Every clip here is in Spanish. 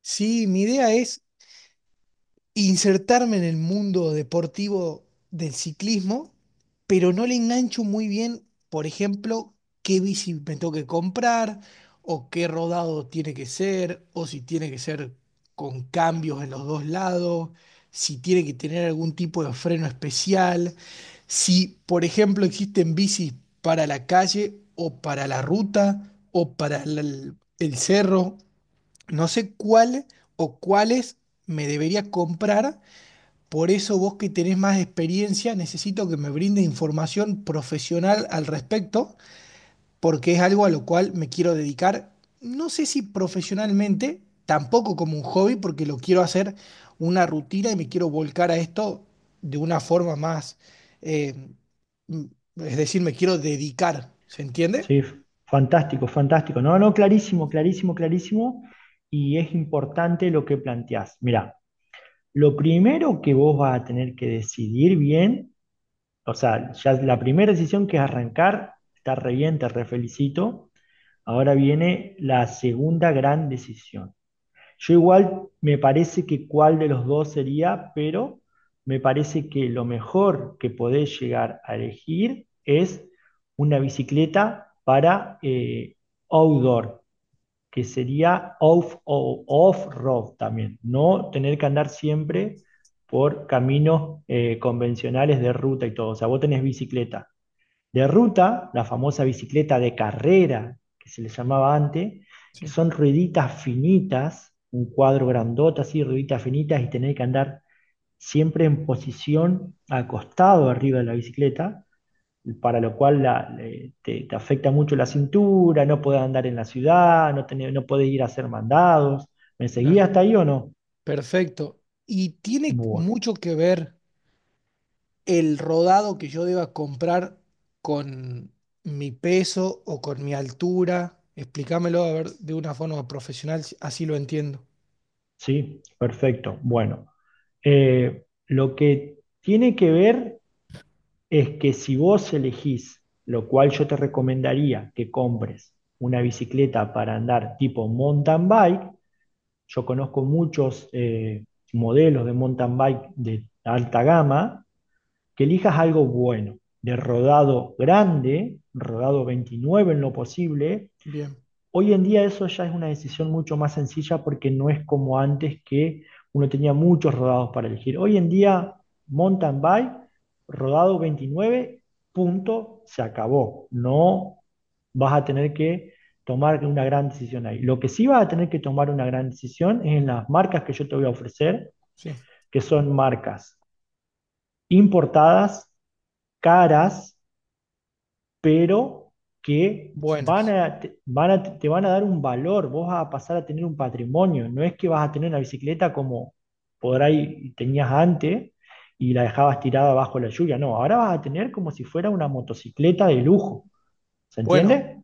Sí, mi idea es insertarme en el mundo deportivo del ciclismo, pero no le engancho muy bien, por ejemplo, qué bici me tengo que comprar o qué rodado tiene que ser o si tiene que ser con cambios en los dos lados, si tiene que tener algún tipo de freno especial, si, por ejemplo, existen bicis para la calle o para la ruta o para el cerro. No sé cuál o cuáles me debería comprar, por eso vos que tenés más experiencia, necesito que me brinde información profesional al respecto, porque es algo a lo cual me quiero dedicar, no sé si profesionalmente, tampoco como un hobby, porque lo quiero hacer una rutina y me quiero volcar a esto de una forma más, eh, mm, es decir, me quiero dedicar, ¿se entiende? Sí, fantástico, fantástico. No, no, clarísimo, clarísimo, clarísimo. Y es importante lo que planteás. Mirá, lo primero que vos vas a tener que decidir bien, o sea, ya la primera decisión que es arrancar, está re bien, te refelicito. Ahora viene la segunda gran decisión. Yo igual me parece que cuál de los dos sería, pero me parece que lo mejor que podés llegar a elegir es una bicicleta para outdoor, que sería off, off-road también, no tener que andar siempre por caminos convencionales de ruta y todo. O sea, vos tenés bicicleta de ruta, la famosa bicicleta de carrera, que se le llamaba antes, que Sí, son rueditas finitas, un cuadro grandota así, rueditas finitas, y tener que andar siempre en posición acostado arriba de la bicicleta, para lo cual te afecta mucho la cintura, no podés andar en la ciudad, no, no podés ir a hacer mandados. ¿Me seguía claro. hasta ahí o no? Perfecto. Y tiene Bueno, mucho que ver el rodado que yo deba comprar con mi peso o con mi altura. Explícamelo a ver de una forma profesional, así lo entiendo. sí, perfecto. Bueno, lo que tiene que ver es que si vos elegís, lo cual yo te recomendaría que compres una bicicleta para andar tipo mountain bike, yo conozco muchos modelos de mountain bike de alta gama, que elijas algo bueno, de rodado grande, rodado 29 en lo posible. Bien, Hoy en día eso ya es una decisión mucho más sencilla porque no es como antes que uno tenía muchos rodados para elegir. Hoy en día, mountain bike, rodado 29, punto, se acabó. No vas a tener que tomar una gran decisión ahí. Lo que sí vas a tener que tomar una gran decisión es en las marcas que yo te voy a ofrecer, sí. que son marcas importadas, caras, pero que Buenas. Te van a dar un valor, vos vas a pasar a tener un patrimonio, no es que vas a tener una bicicleta como por ahí tenías antes y la dejabas tirada bajo la lluvia, no, ahora vas a tener como si fuera una motocicleta de lujo, ¿se Bueno, entiende?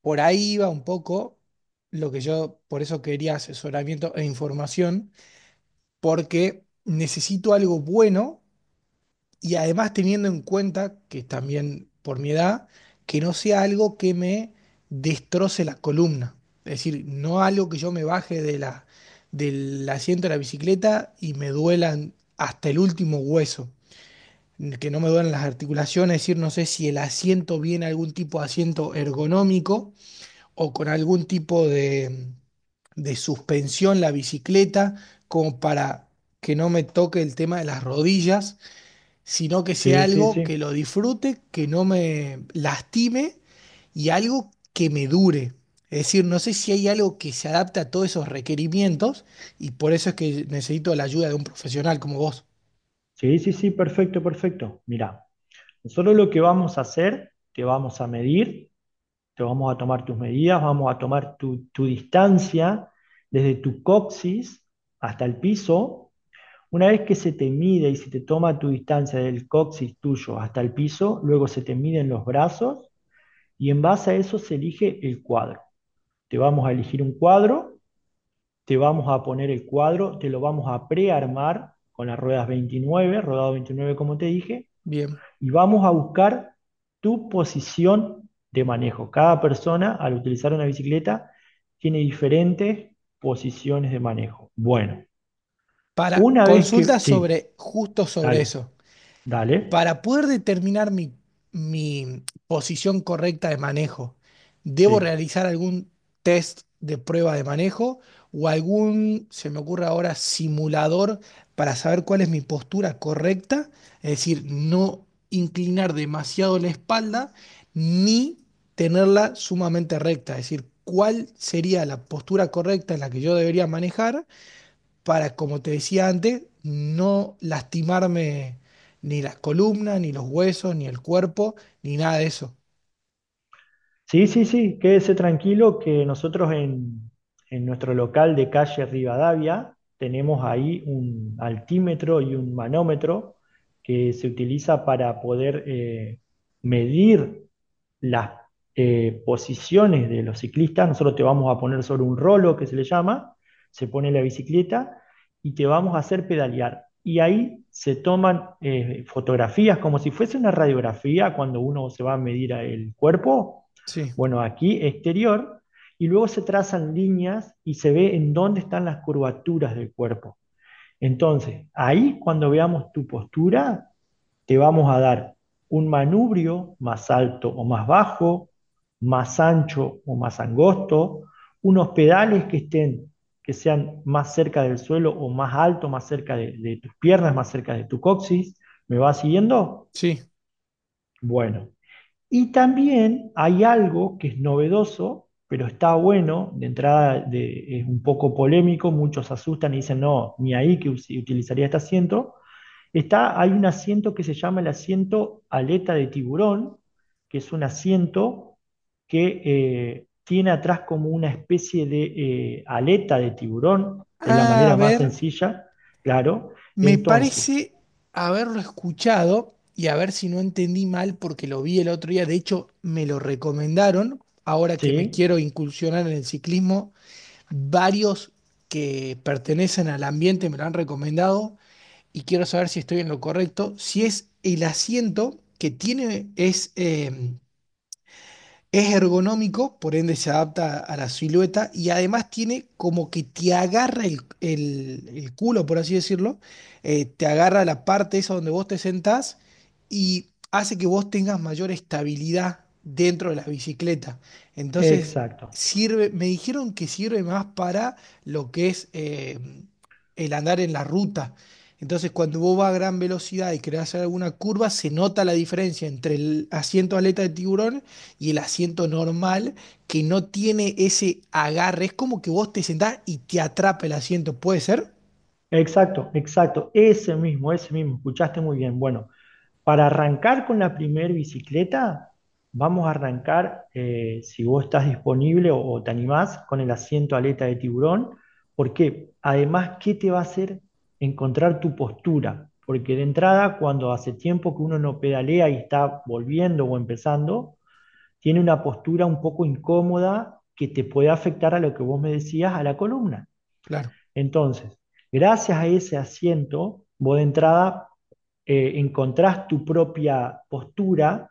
por ahí iba un poco lo que yo, por eso quería asesoramiento e información, porque necesito algo bueno. Y además teniendo en cuenta que también por mi edad, que no sea algo que me destroce la columna. Es decir, no algo que yo me baje de del asiento de la bicicleta y me duelan hasta el último hueso, que no me duelan las articulaciones. Es decir, no sé si el asiento viene algún tipo de asiento ergonómico o con algún tipo de suspensión la bicicleta, como para que no me toque el tema de las rodillas, sino que sea Sí, sí, algo sí, que lo disfrute, que no me lastime y algo que me dure. Es decir, no sé si hay algo que se adapte a todos esos requerimientos y por eso es que necesito la ayuda de un profesional como vos. sí, sí, sí, perfecto, perfecto. Mira, nosotros lo que vamos a hacer, te vamos a medir, te vamos a tomar tus medidas, vamos a tomar tu distancia desde tu coxis hasta el piso. Una vez que se te mide y se te toma tu distancia del coxis tuyo hasta el piso, luego se te miden los brazos y en base a eso se elige el cuadro. Te vamos a elegir un cuadro, te vamos a poner el cuadro, te lo vamos a prearmar con las ruedas 29, rodado 29 como te dije, Bien. y vamos a buscar tu posición de manejo. Cada persona al utilizar una bicicleta tiene diferentes posiciones de manejo. Bueno, Para una vez que... consultas Sí, sobre, justo sobre dale, eso. dale. Para poder determinar mi posición correcta de manejo, ¿debo Sí. realizar algún test de prueba de manejo o algún, se me ocurre ahora, simulador para saber cuál es mi postura correcta? Es decir, no inclinar demasiado la espalda ni tenerla sumamente recta. Es decir, ¿cuál sería la postura correcta en la que yo debería manejar? Para, como te decía antes, no lastimarme ni las columnas, ni los huesos, ni el cuerpo, ni nada de eso. Sí, sí, sí, quédese tranquilo que nosotros en nuestro local de calle Rivadavia tenemos ahí un altímetro y un manómetro que se utiliza para poder medir las posiciones de los ciclistas. Nosotros te vamos a poner sobre un rolo que se le llama, se pone la bicicleta y te vamos a hacer pedalear. Y ahí se toman fotografías como si fuese una radiografía cuando uno se va a medir el cuerpo Sí, bueno, aquí exterior y luego se trazan líneas y se ve en dónde están las curvaturas del cuerpo. Entonces, ahí cuando veamos tu postura, te vamos a dar un manubrio más alto o más bajo, más ancho o más angosto, unos pedales que estén que sean más cerca del suelo o más alto, más cerca de tus piernas, más cerca de tu coxis. ¿Me vas siguiendo? sí. Bueno, y también hay algo que es novedoso, pero está bueno, de entrada es un poco polémico, muchos se asustan y dicen, no, ni ahí que utilizaría este asiento. Está, hay un asiento que se llama el asiento aleta de tiburón, que es un asiento que tiene atrás como una especie de aleta de tiburón, es la A manera más ver, sencilla, claro. me Entonces, parece haberlo escuchado y a ver si no entendí mal porque lo vi el otro día. De hecho, me lo recomendaron. Ahora que me sí, quiero incursionar en el ciclismo, varios que pertenecen al ambiente me lo han recomendado. Y quiero saber si estoy en lo correcto, si es el asiento que tiene, es ergonómico, por ende se adapta a la silueta y además tiene como que te agarra el culo, por así decirlo, te agarra la parte esa donde vos te sentás y hace que vos tengas mayor estabilidad dentro de la bicicleta. Entonces, exacto. sirve, me dijeron que sirve más para lo que es el andar en la ruta. Entonces, cuando vos vas a gran velocidad y querés hacer alguna curva, se nota la diferencia entre el asiento aleta de tiburón y el asiento normal que no tiene ese agarre. Es como que vos te sentás y te atrapa el asiento. ¿Puede ser? Exacto, exacto, ese mismo, escuchaste muy bien. Bueno, para arrancar con la primer bicicleta, vamos a arrancar, si vos estás disponible o te animás, con el asiento aleta de tiburón, porque además, ¿qué te va a hacer encontrar tu postura? Porque de entrada, cuando hace tiempo que uno no pedalea y está volviendo o empezando, tiene una postura un poco incómoda que te puede afectar a lo que vos me decías, a la columna. Claro, Entonces, gracias a ese asiento, vos de entrada encontrás tu propia postura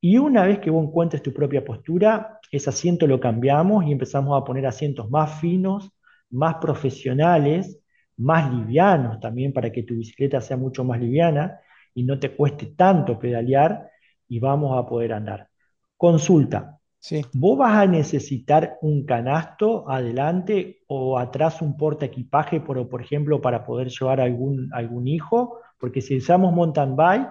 y una vez que vos encuentres tu propia postura, ese asiento lo cambiamos y empezamos a poner asientos más finos, más profesionales, más livianos también para que tu bicicleta sea mucho más liviana y no te cueste tanto pedalear y vamos a poder andar. Consulta, sí. vos vas a necesitar un canasto adelante o atrás un porta equipaje, por ejemplo, para poder llevar algún, algún hijo, porque si usamos mountain bike,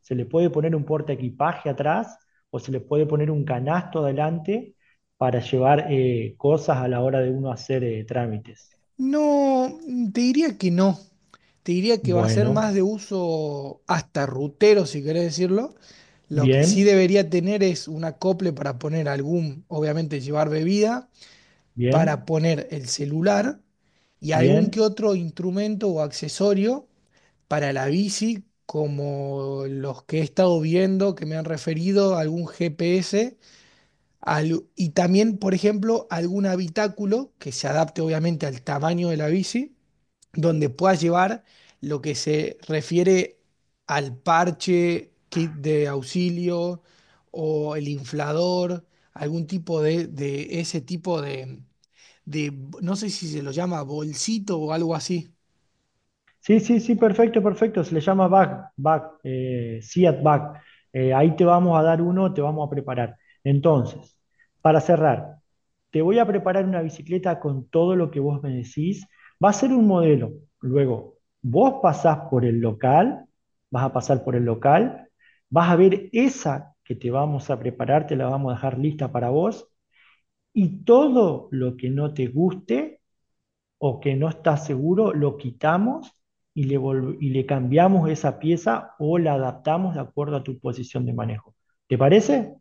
se le puede poner un porta equipaje atrás o se le puede poner un canasto adelante para llevar cosas a la hora de uno hacer trámites. No, te diría que no. Te diría que va a ser más Bueno, de uso hasta rutero, si querés decirlo. Lo que sí bien, debería tener es un acople para poner algún, obviamente llevar bebida, para bien, poner el celular y algún que bien. otro instrumento o accesorio para la bici, como los que he estado viendo que me han referido, algún GPS, y también, por ejemplo, algún habitáculo que se adapte obviamente al tamaño de la bici, donde puedas llevar lo que se refiere al parche, kit de auxilio o el inflador, algún tipo de ese tipo de, no sé si se lo llama bolsito o algo así. Sí, sí, sí, perfecto, perfecto. Se le llama back, back, Seat back. Ahí te vamos a dar uno, te vamos a preparar. Entonces, para cerrar, te voy a preparar una bicicleta con todo lo que vos me decís. Va a ser un modelo. Luego, vos pasás por el local, vas a pasar por el local, vas a ver esa que te vamos a preparar, te la vamos a dejar lista para vos y todo lo que no te guste o que no está seguro, lo quitamos y le cambiamos esa pieza o la adaptamos de acuerdo a tu posición de manejo. ¿Te parece?